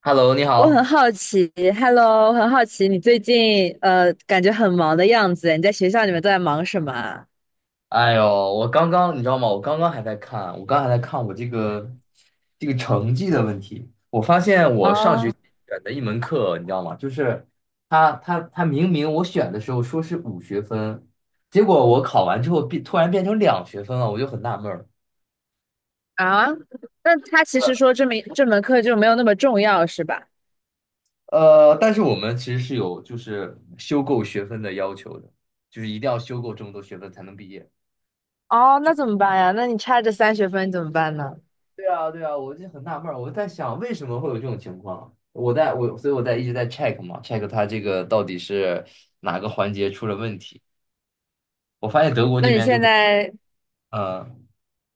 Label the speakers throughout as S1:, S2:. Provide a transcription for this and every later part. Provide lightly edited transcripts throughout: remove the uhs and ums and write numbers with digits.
S1: Hello，你
S2: 我很
S1: 好。
S2: 好奇，Hello，我很好奇你最近感觉很忙的样子，你在学校里面都在忙什么啊？
S1: 哎呦，我刚刚你知道吗？我刚刚还在看，我刚还在看我这个成绩的问题。我发现我上学
S2: 哦。
S1: 期选的一门课，你知道吗？就是他明明我选的时候说是5学分，结果我考完之后变突然变成两学分了，我就很纳闷儿。
S2: 啊，那他其实说这门课就没有那么重要，是吧？
S1: 但是我们其实是有就是修够学分的要求的，就是一定要修够这么多学分才能毕业。
S2: 哦，那怎么办呀？那你差这三学分怎么办呢？
S1: 对啊，对啊，我就很纳闷儿，我在想为什么会有这种情况。我在我，所以我在一直在 check 嘛，check 它这个到底是哪个环节出了问题。我发现德国
S2: 那
S1: 这
S2: 你
S1: 边就
S2: 现
S1: 很，
S2: 在，
S1: 呃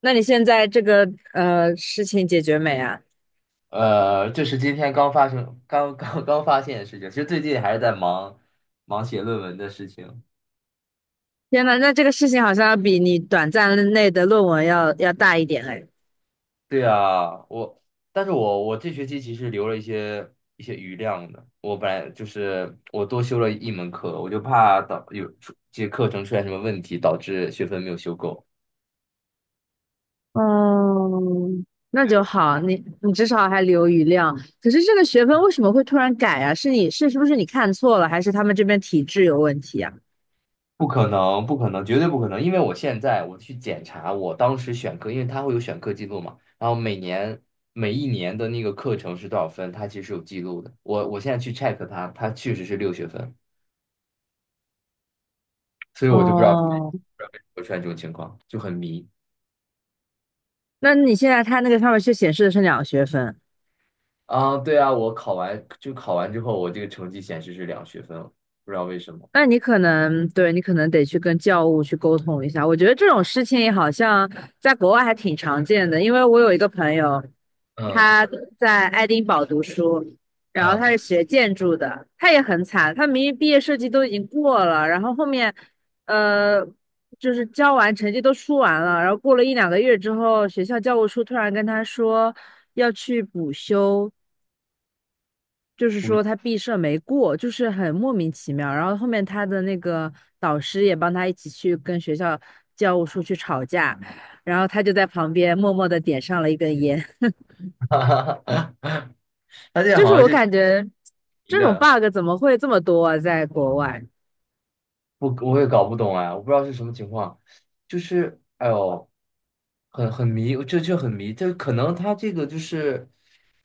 S2: 那你现在这个事情解决没啊？
S1: 这是今天刚发生、刚刚刚发现的事情。其实最近还是在忙写论文的事情。
S2: 天呐，那这个事情好像要比你短暂内的论文要大一点哎。
S1: 对啊，我，但是我这学期其实留了一些余量的。我本来就是我多修了一门课，我就怕导有出这些课程出现什么问题，导致学分没有修够。
S2: 哦，那就好，你至少还留余量。可是这个学分为什么会突然改啊？是你是是不是你看错了，还是他们这边体制有问题啊？
S1: 不可能，不可能，绝对不可能！因为我现在我去检查我当时选课，因为它会有选课记录嘛，然后每年每一年的那个课程是多少分，它其实有记录的。我现在去 check 它，它确实是6学分，所以我就不知道
S2: 哦，
S1: 会出现这种情况，就很迷
S2: 那你现在他那个上面却显示的是两个学分。
S1: 啊。对啊，我考完就考完之后，我这个成绩显示是两学分，不知道为什么。
S2: 那你可能对你可能得去跟教务去沟通一下。我觉得这种事情好像在国外还挺常见的，因为我有一个朋友，
S1: 嗯
S2: 他在爱丁堡读书，然后他
S1: 嗯，
S2: 是学建筑的，他也很惨，他明明毕业设计都已经过了，然后后面，呃，就是交完成绩都出完了，然后过了一两个月之后，学校教务处突然跟他说要去补修，就是说他毕设没过，就是很莫名其妙。然后后面他的那个导师也帮他一起去跟学校教务处去吵架，然后他就在旁边默默的点上了一根烟。
S1: 哈他现在
S2: 就是
S1: 好像
S2: 我
S1: 就
S2: 感觉
S1: 迷
S2: 这种
S1: 的。
S2: bug 怎么会这么多啊，在国外？
S1: 我也搞不懂哎，我不知道是什么情况，就是哎呦，很迷，这很迷，这可能他这个就是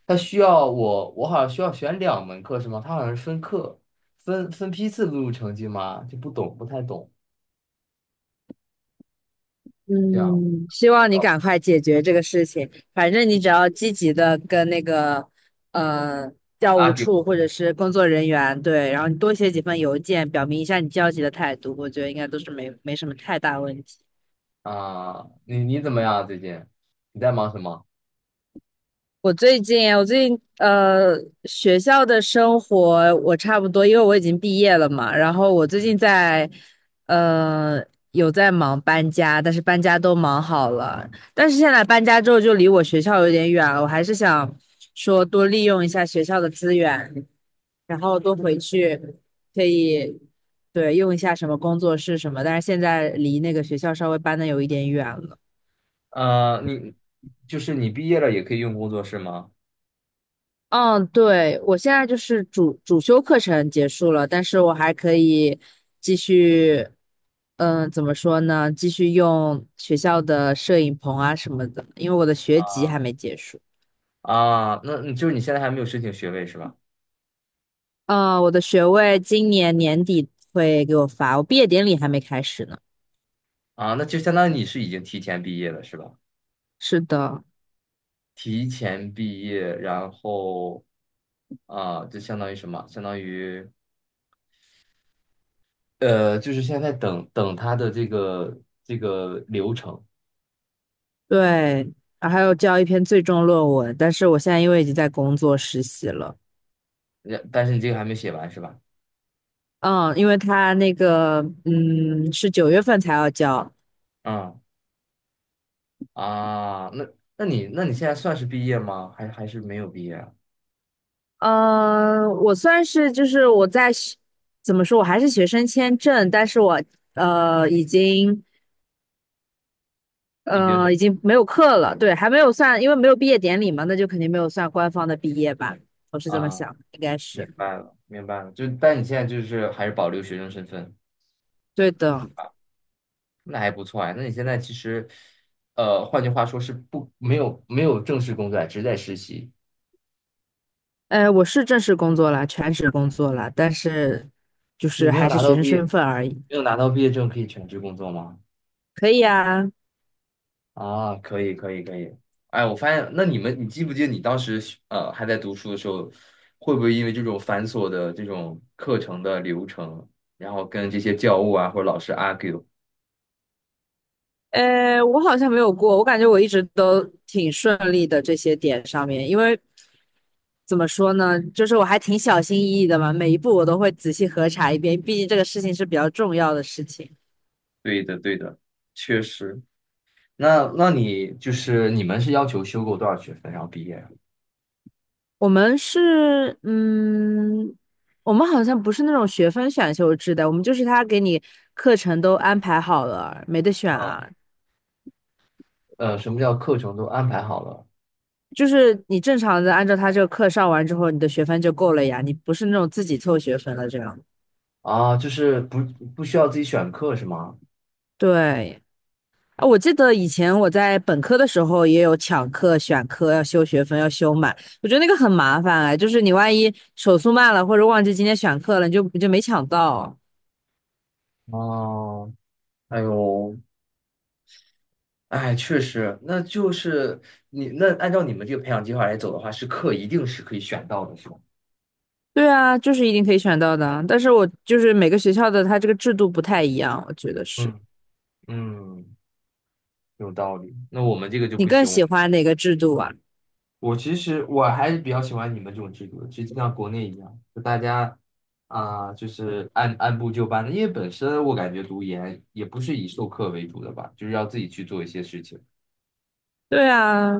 S1: 他需要我，我好像需要选两门课是吗？他好像是分课分批次录入成绩吗？就不懂，不太懂，这样
S2: 嗯，希
S1: 在
S2: 望你
S1: 搞
S2: 赶快解决这个事情。反正你只要积极的跟那个呃教务
S1: argue
S2: 处或者是工作人员对，然后你多写几份邮件，表明一下你焦急的态度，我觉得应该都是没什么太大问题。
S1: 啊，你怎么样啊最近？你在忙什么？
S2: 我最近学校的生活我差不多，因为我已经毕业了嘛。然后我最近在呃有在忙搬家，但是搬家都忙好了。但是现在搬家之后就离我学校有点远了，我还是想说多利用一下学校的资源，然后多回去可以对用一下什么工作室什么。但是现在离那个学校稍微搬的有一点远了。
S1: 呃，你就是你毕业了也可以用工作室吗？
S2: 嗯，对，我现在就是主修课程结束了，但是我还可以继续，嗯，怎么说呢？继续用学校的摄影棚啊什么的，因为我的学籍
S1: 啊
S2: 还没结束。
S1: 啊，那就是你现在还没有申请学位是吧？
S2: 嗯，我的学位今年年底会给我发，我毕业典礼还没开始呢。
S1: 啊，那就相当于你是已经提前毕业了，是吧？
S2: 是的。
S1: 提前毕业，然后啊，就相当于什么？相当于呃，就是现在等等他的这个流程，
S2: 对，然还有交一篇最终论文，但是我现在因为已经在工作实习了。
S1: 呃但是你这个还没写完是吧？
S2: 嗯，因为他那个，嗯，是九月份才要交。
S1: 嗯啊，那那你现在算是毕业吗？还是没有毕业啊？
S2: 呃，我算是就是我在学怎么说，我还是学生签证，但是我已经
S1: 已经是
S2: 已经没有课了，对，还没有算，因为没有毕业典礼嘛，那就肯定没有算官方的毕业吧，我是这么
S1: 啊，
S2: 想的，应该
S1: 明
S2: 是
S1: 白了，明白了，就但你现在就是还是保留学生身份。
S2: 对的。
S1: 那还不错啊。那你现在其实，呃，换句话说是不没有正式工作啊只是在实习。
S2: 哎，我是正式工作了，全职工作了，但是就
S1: 你
S2: 是
S1: 没有
S2: 还是
S1: 拿
S2: 学
S1: 到
S2: 生
S1: 毕业，
S2: 身份而已。
S1: 没有拿到毕业证可以全职工作吗？
S2: 可以啊。
S1: 啊，可以可以可以。哎，我发现，那你们，你记不记得你当时还在读书的时候，会不会因为这种繁琐的这种课程的流程，然后跟这些教务啊或者老师 argue？
S2: 呃，我好像没有过，我感觉我一直都挺顺利的这些点上面，因为怎么说呢？就是我还挺小心翼翼的嘛，每一步我都会仔细核查一遍，毕竟这个事情是比较重要的事情。
S1: 对的对的，确实。那你就是你们是要求修够多少学分然后毕业
S2: 我们是，嗯，我们好像不是那种学分选修制的，我们就是他给你课程都安排好了，没得选
S1: 啊？
S2: 啊。
S1: 呃，什么叫课程都安排好了
S2: 就是你正常的按照他这个课上完之后，你的学分就够了呀，你不是那种自己凑学分了这样。
S1: 啊？就是不需要自己选课是吗？
S2: 对。啊，我记得以前我在本科的时候也有抢课、选课，要修学分，要修满。我觉得那个很麻烦哎，就是你万一手速慢了，或者忘记今天选课了，你就没抢到。
S1: 哦，哎呦，哎，确实，那就是你那按照你们这个培养计划来走的话，是课一定是可以选到的，是吗？
S2: 对啊，就是一定可以选到的啊。但是我就是每个学校的它这个制度不太一样，我觉得是。
S1: 嗯嗯，有道理。那我们这个就
S2: 你
S1: 不
S2: 更
S1: 行，我
S2: 喜
S1: 们
S2: 欢哪个制度啊？
S1: 我其实我还是比较喜欢你们这种制度的，就像国内一样，就大家啊、就是按部就班的，因为本身我感觉读研也不是以授课为主的吧，就是要自己去做一些事情。
S2: 对啊。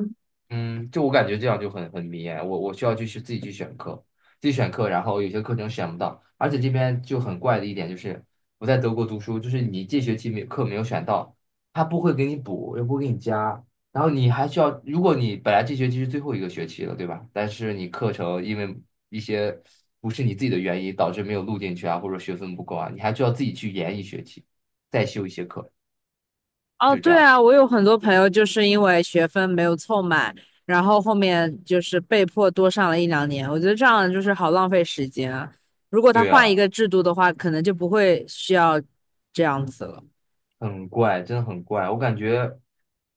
S1: 嗯，就我感觉这样就很迷哎，我需要去自己去选课，自己选课，然后有些课程选不到，而且这边就很怪的一点就是我在德国读书，就是你这学期没课没有选到，他不会给你补，也不会给你加，然后你还需要，如果你本来这学期是最后一个学期了，对吧？但是你课程因为一些不是你自己的原因导致没有录进去啊，或者学分不够啊，你还需要自己去延一学期，再修一些课，
S2: 哦，
S1: 就这
S2: 对
S1: 样。
S2: 啊，我有很多朋友就是因为学分没有凑满，然后后面就是被迫多上了一两年。我觉得这样就是好浪费时间啊。如果他
S1: 对
S2: 换一
S1: 啊，
S2: 个制度的话，可能就不会需要这样子了。
S1: 很怪，真的很怪，我感觉。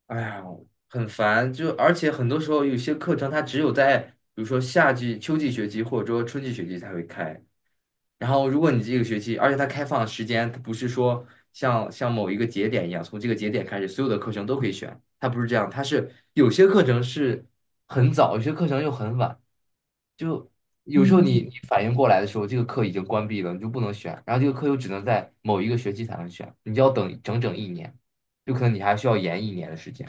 S1: 哎呀，很烦，就而且很多时候有些课程它只有在比如说夏季、秋季学期或者说春季学期才会开。然后如果你这个学期，而且它开放的时间，它不是说像某一个节点一样，从这个节点开始所有的课程都可以选，它不是这样，它是有些课程是很早，有些课程又很晚。就有时候你
S2: 嗯，
S1: 你反应过来的时候，这个课已经关闭了，你就不能选，然后这个课又只能在某一个学期才能选，你就要等整整一年，有可能你还需要延一年的时间。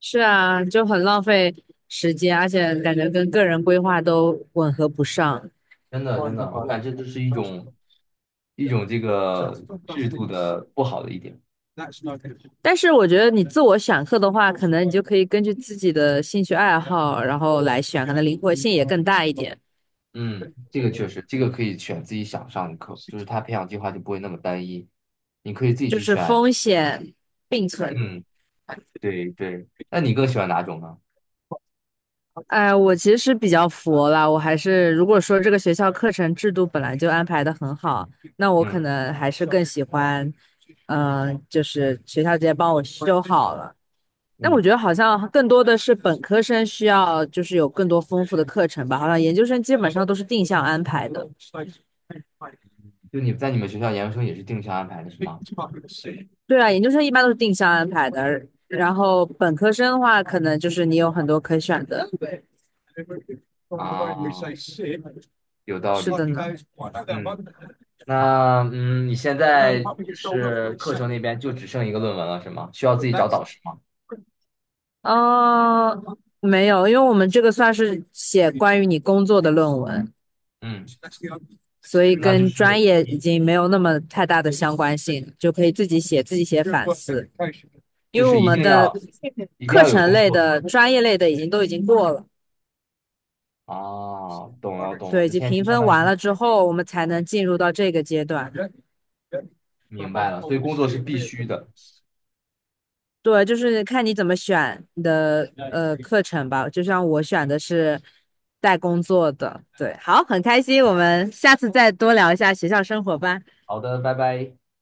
S2: 是啊，就很浪费时间，而且感觉跟个人规划都吻合不上。
S1: 真的真的，我感觉这是一种这个制度的不好的一点。
S2: 但是我觉得你自我选课的话，可能你就可以根据自己的兴趣爱好，然后来选，可能灵活性也更大一点，
S1: 嗯，这个确实，这个可以选自己想上的课，就是他培养计划就不会那么单一，你可以自己
S2: 就
S1: 去
S2: 是
S1: 选。
S2: 风险并存。
S1: 嗯，对对。那你更喜欢哪种呢？
S2: 哎，我其实是比较佛了，我还是如果说这个学校课程制度本来就安排的很好，那我可
S1: 嗯
S2: 能还是更喜欢，嗯、就是学校直接帮我修好了。那我觉
S1: 嗯，
S2: 得好像更多的是本科生需要，就是有更多丰富的课程吧。好像研究生基本上都是定向安排的。
S1: 就你在你们学校研究生也是定向安排的是吗？
S2: 对啊，研究生一般都是定向安排的，然后本科生的话，可能就是你有很多可选的。
S1: 啊，有道
S2: 是的
S1: 理。
S2: 呢。
S1: 嗯，那嗯，你现在是课程那边就只剩一个论文了是吗？需要自己找导师吗？
S2: 哦，没有，因为我们这个算是写关于你工作的论文，
S1: 嗯，
S2: 所以
S1: 那就
S2: 跟专
S1: 是
S2: 业已
S1: 一。
S2: 经没有那么太大的相关性，就可以自己写，自己写反思。
S1: 就
S2: 因为
S1: 是
S2: 我
S1: 一
S2: 们
S1: 定
S2: 的
S1: 要一定
S2: 课
S1: 要有
S2: 程
S1: 工
S2: 类
S1: 作
S2: 的、专业类的已经都已经过了，
S1: 啊，懂了懂了，
S2: 对，已
S1: 那
S2: 经
S1: 现在
S2: 评
S1: 就相
S2: 分
S1: 当于
S2: 完
S1: 是事
S2: 了之后，我们才能进入到这个阶段。
S1: 明白了，所以工作是必须的。
S2: 对，就是看你怎么选你的课程吧。就像我选的是带工作的，对，好，很开心，我们下次再多聊一下学校生活吧。
S1: 好的，拜拜。